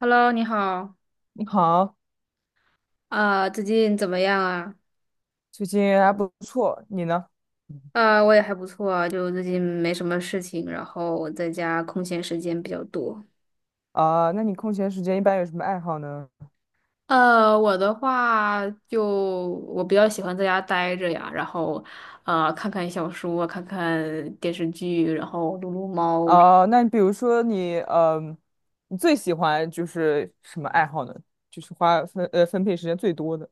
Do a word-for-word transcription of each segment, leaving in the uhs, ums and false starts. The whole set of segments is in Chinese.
Hello，你好，你好，啊、最近怎么样啊？最近还不错，你呢？啊、我也还不错啊，就最近没什么事情，然后我在家空闲时间比较多。啊、那你空闲时间一般有什么爱好呢？呃，我的话就我比较喜欢在家待着呀，然后呃看看小说，看看电视剧，然后撸撸猫。啊、那比如说你，嗯、你最喜欢就是什么爱好呢？就是花分呃分配时间最多的。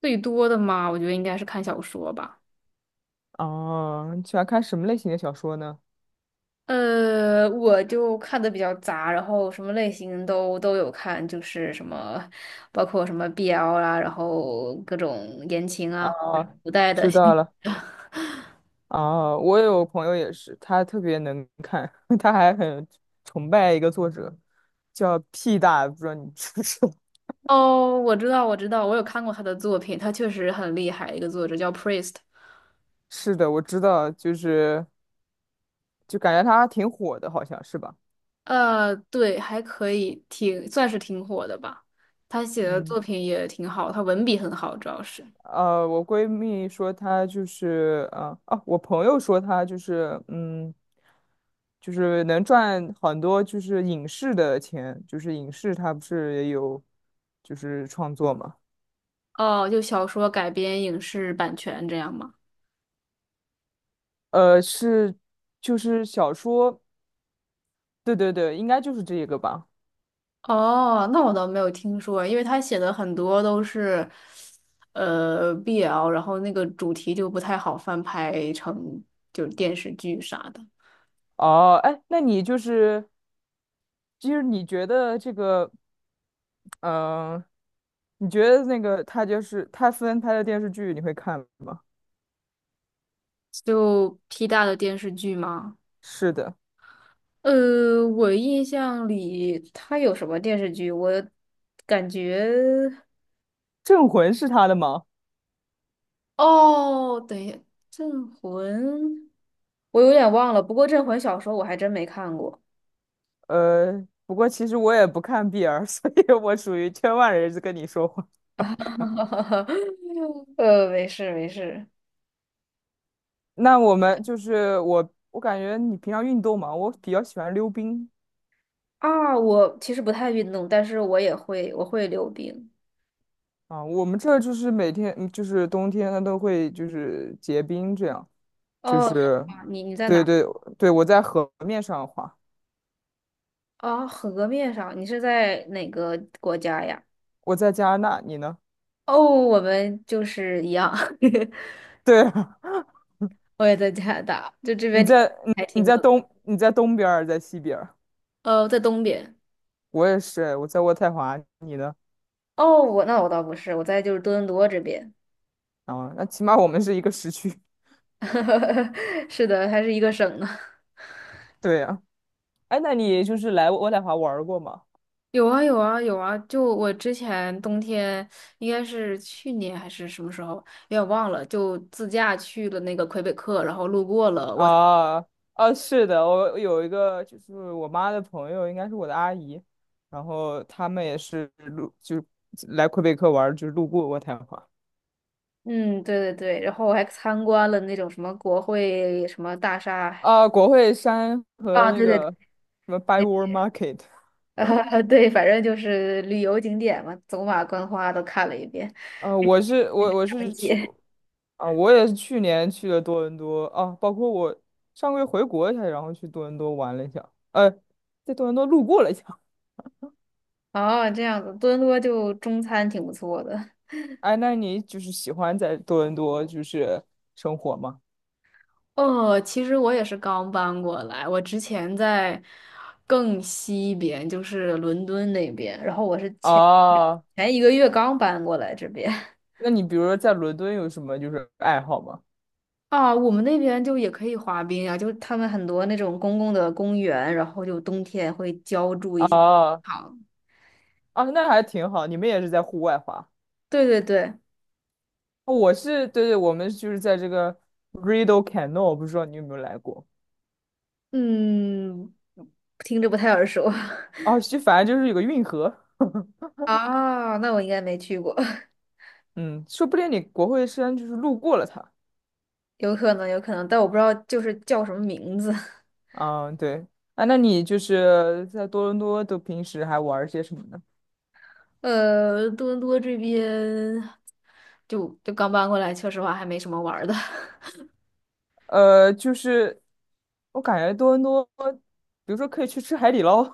最多的嘛，我觉得应该是看小说吧。哦、你喜欢看什么类型的小说呢？呃，我就看的比较杂，然后什么类型都都有看，就是什么，包括什么 B L 啦，然后各种言情啊。啊，知道了。啊，我有朋友也是，他特别能看，他还很崇拜一个作者，叫屁大，不知道你知不知道？哦，我知道，我知道，我有看过他的作品，他确实很厉害，一个作者叫 Priest。是的，我知道，就是就感觉她挺火的，好像是吧？呃，对，还可以，挺，算是挺火的吧。他写的嗯，作品也挺好，他文笔很好，主要是。呃，我闺蜜说他就是，呃，啊，我朋友说他就是，嗯，就是能赚很多，就是影视的钱，就是影视他不是也有，就是创作嘛，哦，就小说改编影视版权这样吗？呃，是就是小说，对对对，应该就是这个吧。哦，那我倒没有听说，因为他写的很多都是，呃，B L，然后那个主题就不太好翻拍成就是电视剧啥的，哦，哎，那你就是，就是你觉得这个，嗯、你觉得那个他就是他分拍的电视剧，你会看吗？就 P 大的电视剧吗？是的，呃，我印象里他有什么电视剧？我感觉《镇魂》是他的吗？哦，等一下，《镇魂》，我有点忘了，不过《镇魂》小说我还真没看过。呃，不过其实我也不看 B L，所以我属于圈外人士跟你说话。呃，没事没事。那我们就是我，我感觉你平常运动嘛，我比较喜欢溜冰啊，我其实不太运动，但是我也会，我会溜冰。啊。我们这儿就是每天嗯就是冬天，它都会就是结冰这样，就哦，是是吗你你在对哪？对对，我在河面上滑，啊，河面上，你是在哪个国家呀？我在加拿大，你呢？哦，我们就是一样，对啊，我也在加拿大，就这边你天在你还挺你冷在的。东你在东边儿，在西边儿，呃，在东边。我也是，我在渥太华，你呢？哦，我那我倒不是，我在就是多伦多这边。啊，那起码我们是一个时区。是的，还是一个省呢。对呀、哎，那你就是来渥太华玩儿过吗？有啊有啊有啊！就我之前冬天应该是去年还是什么时候，有点忘了，就自驾去了那个魁北克，然后路过了我。啊啊，是的，我有一个就是我妈的朋友，应该是我的阿姨，然后他们也是路就是来魁北克玩儿就是路过渥太华嗯，对对对，然后我还参观了那种什么国会什么大厦啊，国会山和啊，那对对 对，个什么 Byward Market。呃，对，反正就是旅游景点嘛，走马观花都看了一遍，呃，我是我我长是去街。啊，我也是去年去了多伦多啊，包括我上个月回国一下，然后去多伦多玩了一下，呃，在多伦多路过了一下。哦，这样子，多伦多就中餐挺不错的。哎，那你就是喜欢在多伦多就是生活吗？哦，其实我也是刚搬过来，我之前在更西边，就是伦敦那边，然后我是前啊，前一个月刚搬过来这边。那你比如说在伦敦有什么就是爱好吗？啊，我们那边就也可以滑冰啊，就是他们很多那种公共的公园，然后就冬天会浇筑一些啊好，啊，那还挺好，你们也是在户外滑。对对对，我是对对，我们就是在这个 Rideau Canal，不知道你有没有来过？嗯，听着不太耳熟 啊，就反正就是有个运河。啊，那我应该没去过，嗯，说不定你国会山就是路过了它。有可能有可能，但我不知道就是叫什么名字。啊，对啊，那你就是在多伦多都平时还玩儿些什么呢？呃，多伦多这边就就刚搬过来，说实话还没什么玩儿的。呃，就是我感觉多伦多，比如说可以去吃海底捞，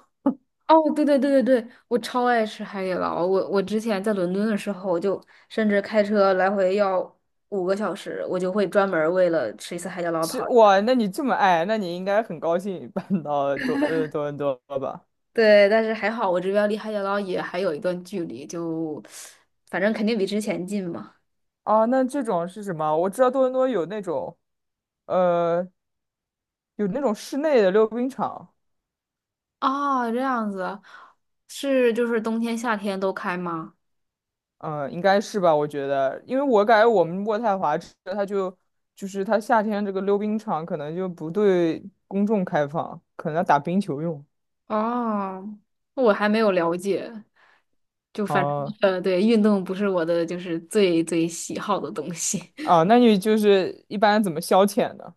哦，对对对对对，我超爱吃海底捞。我我之前在伦敦的时候，我就甚至开车来回要五个小时，我就会专门儿为了吃一次海底捞跑。吃哇，那你这么爱，那你应该很高兴搬到多呃多伦多吧？对，但是还好我这边离海底捞也还有一段距离，就反正肯定比之前近嘛。啊，那这种是什么？我知道多伦多有那种，呃，有那种室内的溜冰场。哦，这样子，是就是冬天夏天都开吗？嗯，呃应该是吧？我觉得，因为我感觉我们渥太华这它就就是它夏天这个溜冰场可能就不对公众开放，可能要打冰球用。哦，我还没有了解。就反正哦、呃，对，运动不是我的就是最最喜好的东西，啊，那你就是一般怎么消遣呢？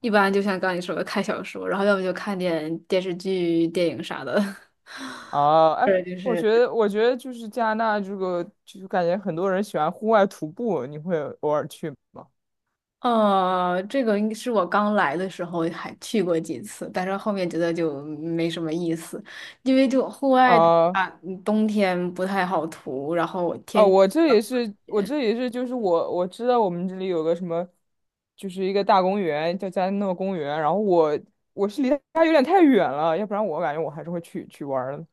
一般就像刚你说的看小说，然后要么就看点电视剧、电影啥的。啊，哎，对，就我是觉得我觉得就是加拿大这个，就是感觉很多人喜欢户外徒步，你会偶尔去吗？呃，这个应是我刚来的时候还去过几次，但是后面觉得就没什么意思，因为就户外的啊、话，嗯冬天不太好涂，然后哦，天气。我这也是，我这也是，就是我我知道我们这里有个什么，就是一个大公园，叫加诺公园。然后我我是离它有点太远了，要不然我感觉我还是会去去玩儿的。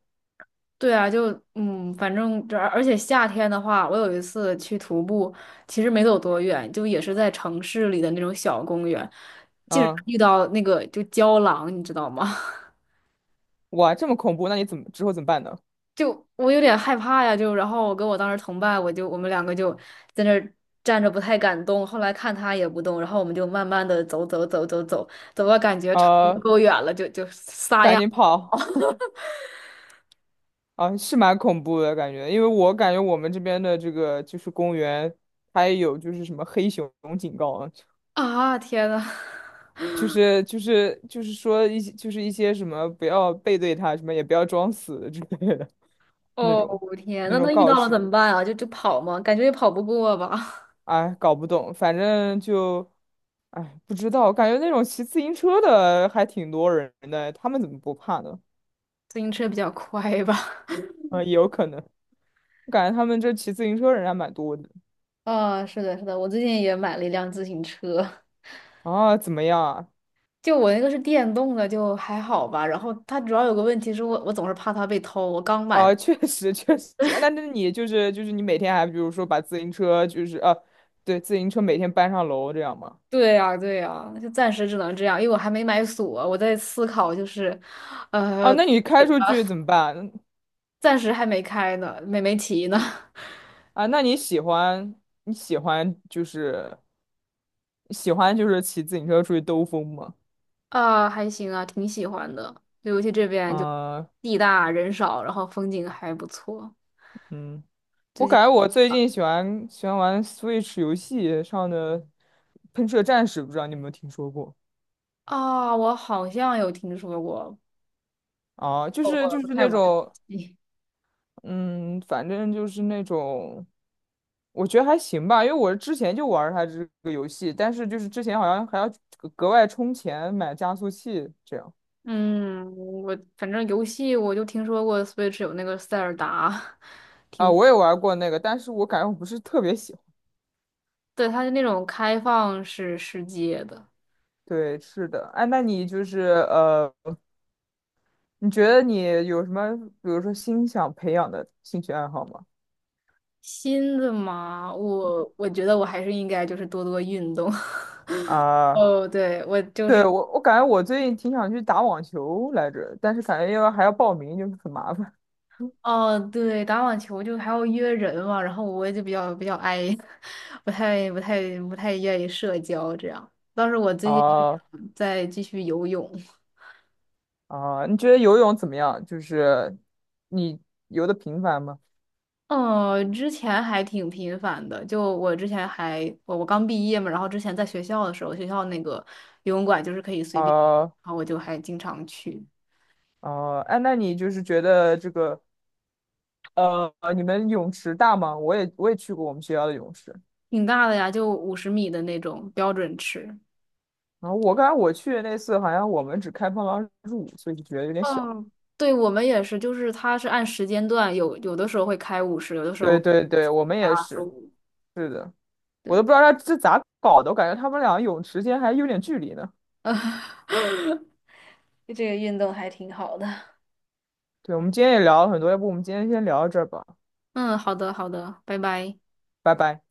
对啊，就嗯，反正这而而且夏天的话，我有一次去徒步，其实没走多远，就也是在城市里的那种小公园，竟然嗯，遇到那个就郊狼，你知道吗？哇，这么恐怖，那你怎么之后怎么办呢？就我有点害怕呀，就然后我跟我当时同伴，我就我们两个就在那儿站着不太敢动，后来看他也不动，然后我们就慢慢的走走走走走，走到感觉差不多呃，够远了，就就撒赶丫紧跑啊，是蛮恐怖的感觉，因为我感觉我们这边的这个就是公园，它也有就是什么黑熊警告啊。啊，天呐！就是就是就是说一些就是一些什么不要背对他，什么也不要装死之类的那哦，种天，那那种那遇告到了怎示，么办啊？就就跑吗？感觉也跑不过吧，哎，搞不懂，反正就，哎，不知道，感觉那种骑自行车的还挺多人的，他们怎么不怕呢？自行车比较快吧。嗯，也有可能，我感觉他们这骑自行车人还蛮多的。啊，是的，是的，我最近也买了一辆自行车，啊，怎么样啊？就我那个是电动的，就还好吧。然后它主要有个问题是我，我总是怕它被偷。我刚买的，啊，确实确实，那那你就是就是你每天还比如说把自行车就是啊对，自行车每天搬上楼这样吗？对呀，对呀，就暂时只能这样，因为我还没买锁，我在思考，就是，啊，呃，那你开出去怎么办？暂时还没开呢，没没骑呢。啊，那你喜欢你喜欢就是喜欢就是骑自行车出去兜风吗？啊，还行啊，挺喜欢的，尤其这边就啊，地大人少，然后风景还不错。嗯，我最近感觉我最近喜欢喜欢玩 Switch 游戏上的《喷射战士》，不知道你有没有听说过？啊，我好像有听说过，啊，就我是就我不是太那玩种，游戏。嗯，反正就是那种，我觉得还行吧，因为我之前就玩儿它这个游戏，但是就是之前好像还要格格外充钱买加速器这样。嗯，我反正游戏我就听说过 Switch 有那个塞尔达，啊，挺，我也玩过那个，但是我感觉我不是特别喜欢。对，它是那种开放式世界的。对，是的。哎，那你就是呃，你觉得你有什么，比如说新想培养的兴趣爱好吗？新的嘛，我我觉得我还是应该就是多多运动。啊，哦，对，我就对，是。我我感觉我最近挺想去打网球来着，但是感觉要还要报名，就是很麻烦。哦，对，打网球就还要约人嘛，然后我就比较比较 i，不太不太不太愿意社交这样。当时我 最近就啊想再继续游泳，啊，你觉得游泳怎么样？就是你游的频繁吗？呃，之前还挺频繁的，就我之前还我我刚毕业嘛，然后之前在学校的时候，学校那个游泳馆就是可以随便，啊然后我就还经常去，啊，哎，那你就是觉得这个呃，你们泳池大吗？我也我也去过我们学校的泳池。挺大的呀，就五十米的那种标准池。然后我刚才我去的那次好像我们只开放了二十五岁，就觉得有点小。嗯，对，我们也是，就是它是按时间段，有有的时候会开五十，有的时对候。对对，我们还也二十是，五。是的，我都对，不知道他这咋搞的，我感觉他们俩泳池间还有点距离呢。呃，这个运动还挺好的。对，我们今天也聊了很多，要不我们今天先聊到这儿吧，嗯，好的，好的，拜拜。拜拜。